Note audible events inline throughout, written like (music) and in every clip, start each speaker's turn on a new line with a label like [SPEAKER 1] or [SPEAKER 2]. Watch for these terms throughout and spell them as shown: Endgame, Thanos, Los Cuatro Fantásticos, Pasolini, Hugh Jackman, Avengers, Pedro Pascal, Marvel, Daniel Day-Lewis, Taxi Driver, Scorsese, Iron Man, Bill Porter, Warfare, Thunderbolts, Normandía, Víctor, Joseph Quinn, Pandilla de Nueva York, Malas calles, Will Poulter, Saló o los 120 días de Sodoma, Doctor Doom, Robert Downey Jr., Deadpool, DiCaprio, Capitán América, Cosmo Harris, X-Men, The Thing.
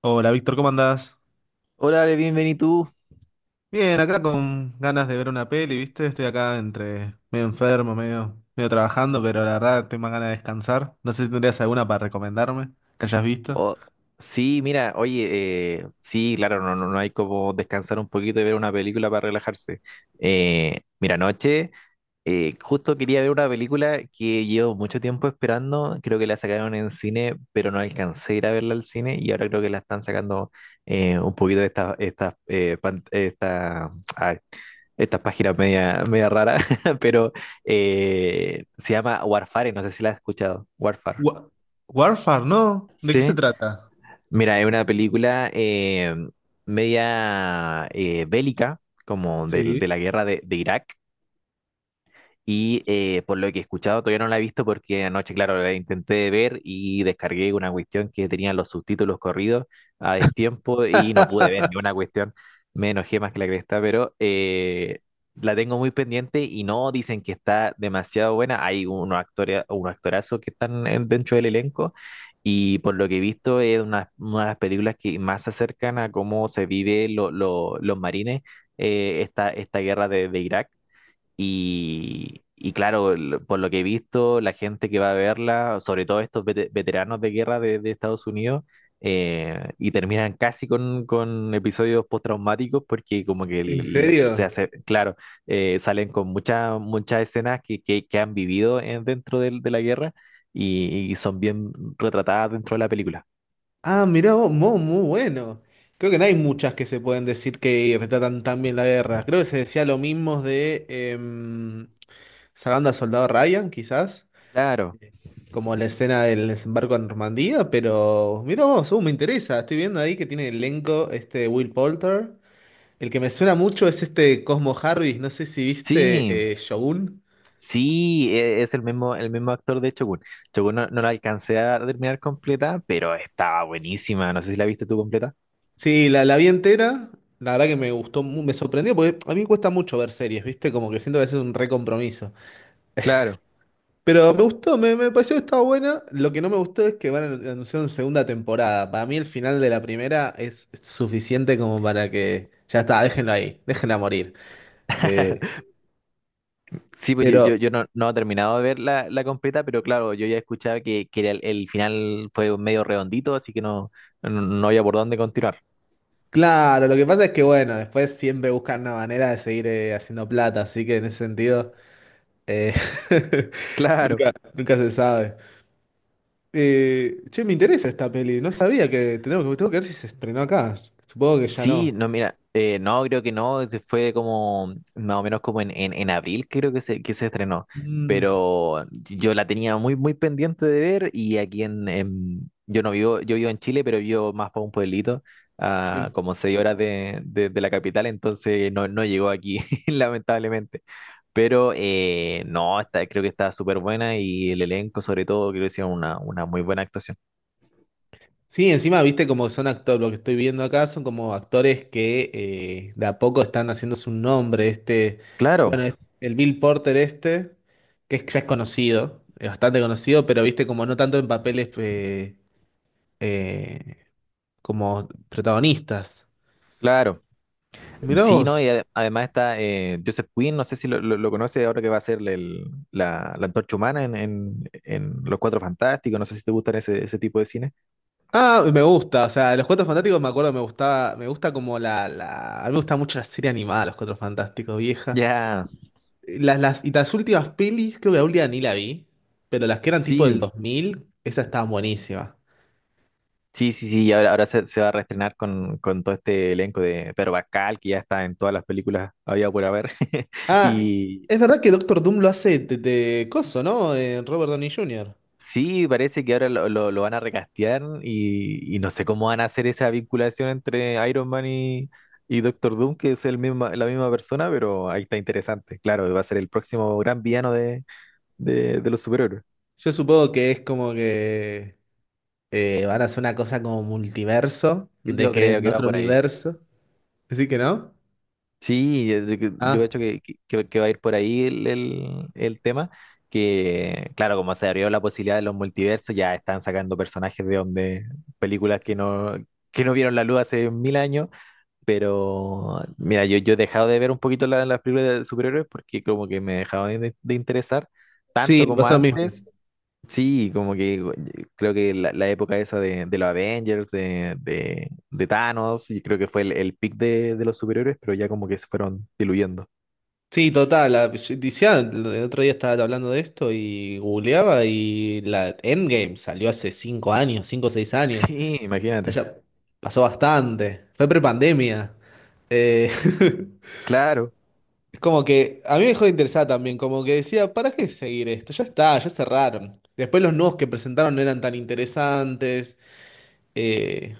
[SPEAKER 1] Hola Víctor, ¿cómo andás?
[SPEAKER 2] Hola, Ale, bienvenido tú.
[SPEAKER 1] Bien, acá con ganas de ver una peli, ¿viste? Estoy acá entre medio enfermo, medio trabajando, pero la verdad tengo más ganas de descansar. No sé si tendrías alguna para recomendarme que hayas visto.
[SPEAKER 2] Oh, sí, mira, oye, sí, claro, no, no, no hay como descansar un poquito y ver una película para relajarse. Mira, anoche justo quería ver una película que llevo mucho tiempo esperando. Creo que la sacaron en cine, pero no alcancé a ir a verla al cine y ahora creo que la están sacando un poquito de estas ay, estas páginas media, media raras, (laughs) pero se llama Warfare, no sé si la has escuchado. Warfare.
[SPEAKER 1] Wa- Warfare, ¿no? ¿De qué se
[SPEAKER 2] Sí.
[SPEAKER 1] trata?
[SPEAKER 2] Mira, es una película media bélica, como de
[SPEAKER 1] Sí.
[SPEAKER 2] la guerra de Irak, y por lo que he escuchado, todavía no la he visto porque anoche, claro, la intenté ver y descargué una cuestión que tenía los subtítulos corridos a destiempo y no pude ver ni una
[SPEAKER 1] (laughs)
[SPEAKER 2] cuestión. Me enojé más que la cresta, pero la tengo muy pendiente y no, dicen que está demasiado buena. Hay unos actores, unos actorazos que están dentro del elenco y por lo que he visto es una de las películas que más se acercan a cómo se vive los marines esta guerra de Irak. Y claro, por lo que he visto, la gente que va a verla, sobre todo estos veteranos de guerra de Estados Unidos, y terminan casi con episodios postraumáticos porque como que
[SPEAKER 1] ¿En
[SPEAKER 2] se
[SPEAKER 1] serio?
[SPEAKER 2] hace, claro, salen con muchas escenas que han vivido dentro de la guerra y son bien retratadas dentro de la película.
[SPEAKER 1] Ah, mirá vos, muy bueno. Creo que no hay muchas que se pueden decir que retratan tan bien la guerra. Creo que se decía lo mismo de Salvando al Soldado Ryan, quizás.
[SPEAKER 2] Claro,
[SPEAKER 1] Como la escena del desembarco en Normandía, pero mira vos, me interesa. Estoy viendo ahí que tiene elenco este Will Poulter. El que me suena mucho es este Cosmo Harris, no sé si
[SPEAKER 2] sí.
[SPEAKER 1] viste Shogun.
[SPEAKER 2] Sí, es el mismo actor de Shogun. Shogun no, no la alcancé a terminar completa, pero estaba buenísima. No sé si la viste tú completa.
[SPEAKER 1] Sí, la vi entera. La verdad que me gustó, me sorprendió, porque a mí me cuesta mucho ver series, ¿viste? Como que siento que es un recompromiso.
[SPEAKER 2] Claro.
[SPEAKER 1] Pero me gustó, me pareció que estaba buena. Lo que no me gustó es que van a anunciar una segunda temporada. Para mí el final de la primera es suficiente como para que ya está, déjenlo ahí, déjenla morir. Eh,
[SPEAKER 2] (laughs) Sí, pues yo,
[SPEAKER 1] Pero
[SPEAKER 2] yo no he terminado de ver la completa, pero claro, yo ya escuchaba que era el final, fue medio redondito, así que no, no había por dónde continuar.
[SPEAKER 1] claro, lo que pasa es que bueno, después siempre buscan una manera de seguir haciendo plata, así que en ese sentido eh, (laughs)
[SPEAKER 2] Claro.
[SPEAKER 1] nunca se sabe. Che, me interesa esta peli, no sabía que tengo que ver si se estrenó acá. Supongo que ya
[SPEAKER 2] Sí,
[SPEAKER 1] no.
[SPEAKER 2] no, mira, no, creo que no, ese fue como más o menos como en abril, creo que se estrenó,
[SPEAKER 1] Mm,
[SPEAKER 2] pero yo la tenía muy, muy pendiente de ver y aquí yo no vivo, yo vivo en Chile, pero vivo más para un pueblito, a
[SPEAKER 1] sí.
[SPEAKER 2] como 6 horas de la capital, entonces no llegó aquí, (laughs) lamentablemente, pero no, está, creo que está súper buena y el elenco sobre todo, creo que hicieron una muy buena actuación.
[SPEAKER 1] Sí, encima, viste como son actores, lo que estoy viendo acá son como actores que de a poco están haciéndose un nombre. Este,
[SPEAKER 2] Claro,
[SPEAKER 1] bueno, el Bill Porter este, ya es conocido, es bastante conocido, pero viste como no tanto en papeles eh, como protagonistas.
[SPEAKER 2] claro.
[SPEAKER 1] Mirá
[SPEAKER 2] Sí, ¿no? Y
[SPEAKER 1] vos.
[SPEAKER 2] además está Joseph Quinn, no sé si lo conoce, ahora que va a ser la antorcha humana en Los Cuatro Fantásticos. No sé si te gustan ese tipo de cine.
[SPEAKER 1] Ah, me gusta, o sea, Los Cuatro Fantásticos me acuerdo, me gustaba, me gusta como a mí me gusta mucho la serie animada, Los Cuatro Fantásticos, vieja.
[SPEAKER 2] Ya,
[SPEAKER 1] Y las últimas pelis, creo que la última ni la vi, pero las que eran tipo del
[SPEAKER 2] sí,
[SPEAKER 1] 2000, esas estaban buenísimas.
[SPEAKER 2] sí, sí, sí, y ahora se va a reestrenar con todo este elenco de Pedro Pascal, que ya está en todas las películas había por haber, (laughs)
[SPEAKER 1] Ah,
[SPEAKER 2] y.
[SPEAKER 1] es verdad que Doctor Doom lo hace de coso, ¿no? Robert Downey Jr.
[SPEAKER 2] Sí, parece que ahora lo van a recastear y no sé cómo van a hacer esa vinculación entre Iron Man y Doctor Doom, que es la misma persona, pero ahí está interesante. Claro, va a ser el próximo gran villano de los superhéroes.
[SPEAKER 1] Yo supongo que es como que van a hacer una cosa como multiverso, de
[SPEAKER 2] Yo
[SPEAKER 1] que
[SPEAKER 2] creo
[SPEAKER 1] en
[SPEAKER 2] que va
[SPEAKER 1] otro
[SPEAKER 2] por ahí.
[SPEAKER 1] universo. Así que no.
[SPEAKER 2] Sí, yo creo
[SPEAKER 1] Ah,
[SPEAKER 2] que va a ir por ahí el tema, que claro, como se abrió la posibilidad de los multiversos, ya están sacando personajes de donde películas que no vieron la luz hace mil años. Pero, mira, yo he dejado de ver un poquito las películas de superhéroes, porque como que me dejaban de interesar tanto
[SPEAKER 1] sí, me
[SPEAKER 2] como
[SPEAKER 1] pasó lo mismo.
[SPEAKER 2] antes. Sí, como que creo que la época esa de los Avengers, de Thanos, y creo que fue el peak de los superhéroes, pero ya como que se fueron diluyendo.
[SPEAKER 1] Sí, total. Yo decía, el otro día estaba hablando de esto y googleaba y la Endgame salió hace 5 años, cinco o 6
[SPEAKER 2] (laughs)
[SPEAKER 1] años.
[SPEAKER 2] Sí, imagínate.
[SPEAKER 1] Ya pasó bastante. Fue prepandemia. Eh,
[SPEAKER 2] Claro.
[SPEAKER 1] (laughs) es como que a mí me dejó de interesar también, como que decía, ¿para qué seguir esto? Ya está, ya cerraron. Después los nuevos que presentaron no eran tan interesantes. Eh,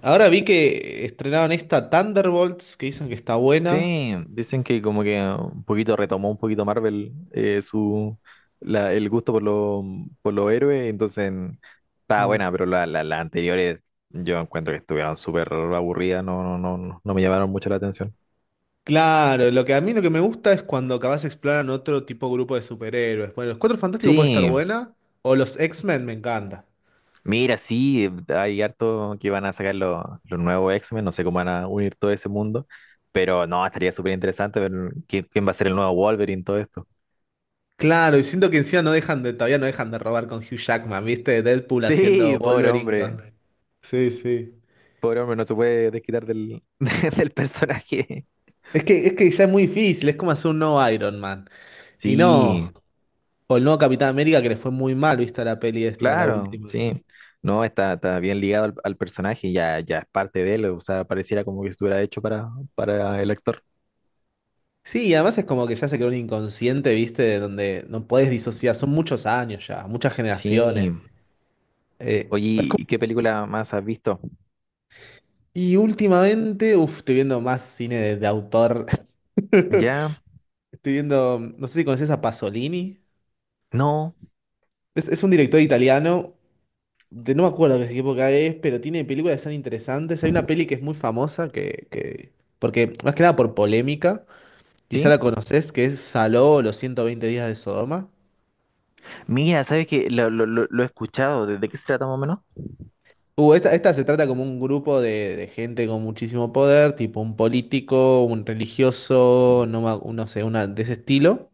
[SPEAKER 1] Ahora vi que estrenaron esta Thunderbolts, que dicen que está buena.
[SPEAKER 2] Sí, dicen que como que un poquito retomó un poquito Marvel el gusto por los héroes, entonces está
[SPEAKER 1] Mm.
[SPEAKER 2] buena, pero las anteriores, yo encuentro que estuvieron súper aburridas, no, no me llamaron mucho la atención.
[SPEAKER 1] Claro, lo que a mí lo que me gusta es cuando capaz exploran otro tipo de grupo de superhéroes. Bueno, los Cuatro Fantásticos puede estar
[SPEAKER 2] Sí,
[SPEAKER 1] buena, o los X-Men me encanta.
[SPEAKER 2] mira, sí, hay harto que van a sacar los nuevos X-Men, no sé cómo van a unir todo ese mundo, pero no, estaría súper interesante ver quién va a ser el nuevo Wolverine, todo esto.
[SPEAKER 1] Claro, y siento que encima todavía no dejan de robar con Hugh Jackman, ¿viste? Deadpool
[SPEAKER 2] (laughs)
[SPEAKER 1] haciendo
[SPEAKER 2] Sí, pobre
[SPEAKER 1] Wolverine
[SPEAKER 2] hombre.
[SPEAKER 1] con... Sí, sí.
[SPEAKER 2] Pobre hombre, no se puede desquitar del, (laughs) del personaje.
[SPEAKER 1] Es que ya es muy difícil, es como hacer un nuevo Iron Man. Y
[SPEAKER 2] Sí,
[SPEAKER 1] no, o el nuevo Capitán América que le fue muy mal, ¿viste? La peli esta, la
[SPEAKER 2] claro,
[SPEAKER 1] última.
[SPEAKER 2] sí. No, está, está bien ligado al personaje, ya, ya es parte de él, o sea, pareciera como que estuviera hecho para el actor.
[SPEAKER 1] Sí, y además es como que ya se creó un inconsciente, ¿viste? De donde no podés disociar, son muchos años ya, muchas generaciones.
[SPEAKER 2] Sí. Oye,
[SPEAKER 1] Es
[SPEAKER 2] ¿y
[SPEAKER 1] como-
[SPEAKER 2] qué película más has visto?
[SPEAKER 1] Y últimamente, uff, estoy viendo más cine de autor.
[SPEAKER 2] ¿Ya?
[SPEAKER 1] (laughs) Estoy viendo, no sé si conoces a Pasolini.
[SPEAKER 2] ¿No?
[SPEAKER 1] Es un director italiano no me acuerdo de qué época es, pero tiene películas que son interesantes. Hay una peli que es muy famosa porque más que nada por polémica, quizá
[SPEAKER 2] ¿Sí?
[SPEAKER 1] la conoces, que es Saló o los 120 días de Sodoma.
[SPEAKER 2] Mira, ¿sabes que lo he escuchado? De qué se trata más o menos?
[SPEAKER 1] Esta se trata como un grupo de gente con muchísimo poder, tipo un político, un religioso, no, no sé, una de ese estilo,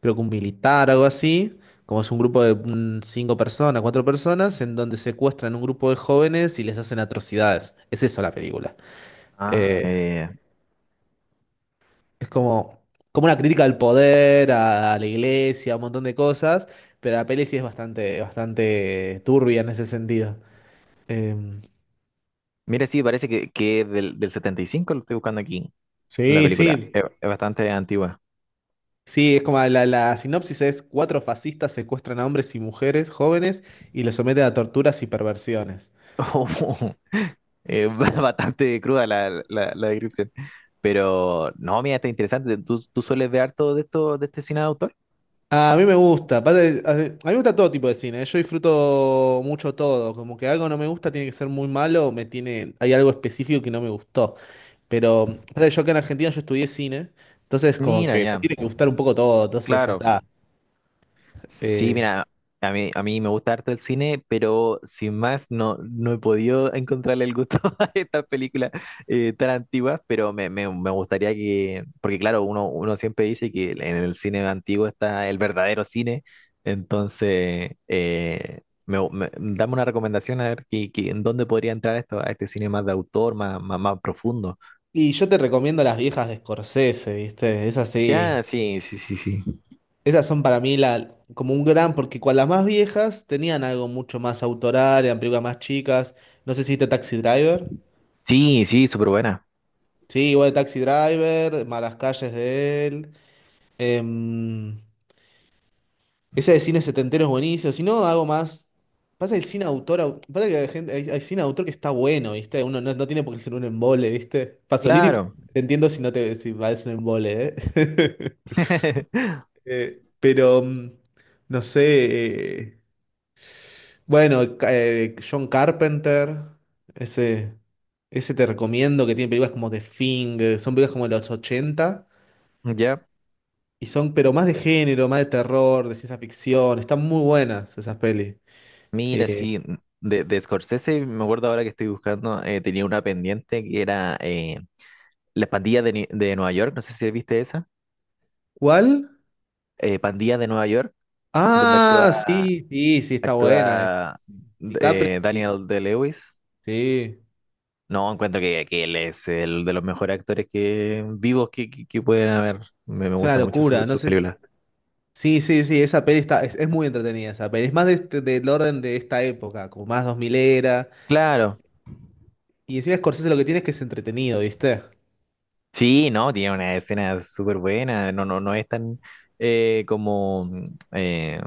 [SPEAKER 1] creo que un militar, algo así, como es un grupo de cinco personas, cuatro personas, en donde secuestran un grupo de jóvenes y les hacen atrocidades. Es eso la película.
[SPEAKER 2] Ah,
[SPEAKER 1] Eh, Es como una crítica al poder, a la iglesia, a un montón de cosas, pero la peli sí es bastante, bastante turbia en ese sentido. Eh,
[SPEAKER 2] mira, sí, parece que es del 75, lo estoy buscando aquí, la
[SPEAKER 1] sí,
[SPEAKER 2] película.
[SPEAKER 1] sí.
[SPEAKER 2] Es bastante antigua.
[SPEAKER 1] Sí, es como la sinopsis es cuatro fascistas secuestran a hombres y mujeres jóvenes y los someten a torturas y perversiones.
[SPEAKER 2] Oh, (laughs) eh, (laughs) bastante cruda la descripción. Pero no, mira, está interesante. ¿Tú sueles ver harto de esto, de este cine de autor?
[SPEAKER 1] A mí me gusta, aparte, a mí me gusta todo tipo de cine, ¿eh? Yo disfruto mucho todo, como que algo no me gusta tiene que ser muy malo, hay algo específico que no me gustó. Pero pasa que yo acá en Argentina yo estudié cine, entonces como
[SPEAKER 2] Mira,
[SPEAKER 1] que me
[SPEAKER 2] ya,
[SPEAKER 1] tiene que gustar un poco todo, entonces ya
[SPEAKER 2] claro.
[SPEAKER 1] está.
[SPEAKER 2] Sí,
[SPEAKER 1] Eh,
[SPEAKER 2] mira, a mí me gusta harto el cine, pero sin más no he podido (laughs) encontrarle el gusto (laughs) a estas películas tan antiguas, pero me gustaría que, porque claro, uno siempre dice que en el cine antiguo está el verdadero cine, entonces dame una recomendación a ver que, en dónde podría entrar esto, a este cine más de autor, más, más, más profundo.
[SPEAKER 1] y yo te recomiendo las viejas de Scorsese, ¿viste? Esas sí,
[SPEAKER 2] Ya, sí, sí, sí, sí.
[SPEAKER 1] esas son para mí la, como un gran, porque con las más viejas tenían algo mucho más autoral, eran películas más chicas. No sé si viste Taxi Driver.
[SPEAKER 2] Sí, sí, súper buena.
[SPEAKER 1] Sí, igual Taxi Driver, Malas calles de él. em, Esa de cine setentero es buenísimo. Si no, hago más. Pasa el cine autor. Pasa que hay cine autor que está bueno, ¿viste? Uno no, no tiene por qué ser un embole, ¿viste? Pasolini,
[SPEAKER 2] Claro.
[SPEAKER 1] te entiendo si no te si parece un embole, ¿eh? (laughs)
[SPEAKER 2] (laughs)
[SPEAKER 1] Pero, no sé. Bueno, John Carpenter. Ese, ese, te recomiendo que tiene películas como The Thing. Son películas como de los ochenta.
[SPEAKER 2] Ya.
[SPEAKER 1] Y son, pero más de género, más de terror, de ciencia ficción. Están muy buenas esas pelis.
[SPEAKER 2] Mira,
[SPEAKER 1] Eh,
[SPEAKER 2] sí, de Scorsese, me acuerdo ahora que estoy buscando, tenía una pendiente que era La Pandilla de Nueva York, no sé si viste esa,
[SPEAKER 1] ¿Cuál?
[SPEAKER 2] Pandilla de Nueva York, donde actúa,
[SPEAKER 1] Ah, sí, sí, sí, está buena esa.
[SPEAKER 2] actúa
[SPEAKER 1] DiCaprio,
[SPEAKER 2] Daniel De-Lewis.
[SPEAKER 1] sí,
[SPEAKER 2] No, encuentro que él es el de los mejores actores que vivos que pueden haber. Me
[SPEAKER 1] es una
[SPEAKER 2] gustan mucho
[SPEAKER 1] locura, no
[SPEAKER 2] sus
[SPEAKER 1] sé.
[SPEAKER 2] películas.
[SPEAKER 1] Sí, sí, sí, esa peli está, es muy entretenida esa peli. Es más del orden de esta época, como más 2000 era.
[SPEAKER 2] Claro,
[SPEAKER 1] Y encima Scorsese lo que tiene es que es entretenido, ¿viste?
[SPEAKER 2] sí, no, tiene una escena súper buena, no, no es tan eh, como mm, eh,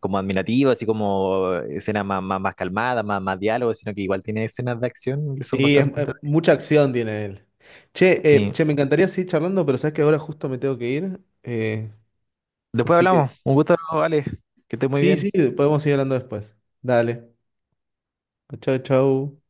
[SPEAKER 2] como admirativo, así como escenas más, más, más calmadas, más, más diálogo, sino que igual tiene escenas de acción que son
[SPEAKER 1] Sí,
[SPEAKER 2] bastante entretenidas.
[SPEAKER 1] mucha acción tiene él. Che,
[SPEAKER 2] Sí.
[SPEAKER 1] me encantaría seguir charlando, pero sabes que ahora justo me tengo que ir. eh,
[SPEAKER 2] Después
[SPEAKER 1] así
[SPEAKER 2] hablamos.
[SPEAKER 1] que,
[SPEAKER 2] Un gusto, Alex. Que estés muy
[SPEAKER 1] sí,
[SPEAKER 2] bien.
[SPEAKER 1] sí, podemos seguir hablando después. Dale. Chau, chau.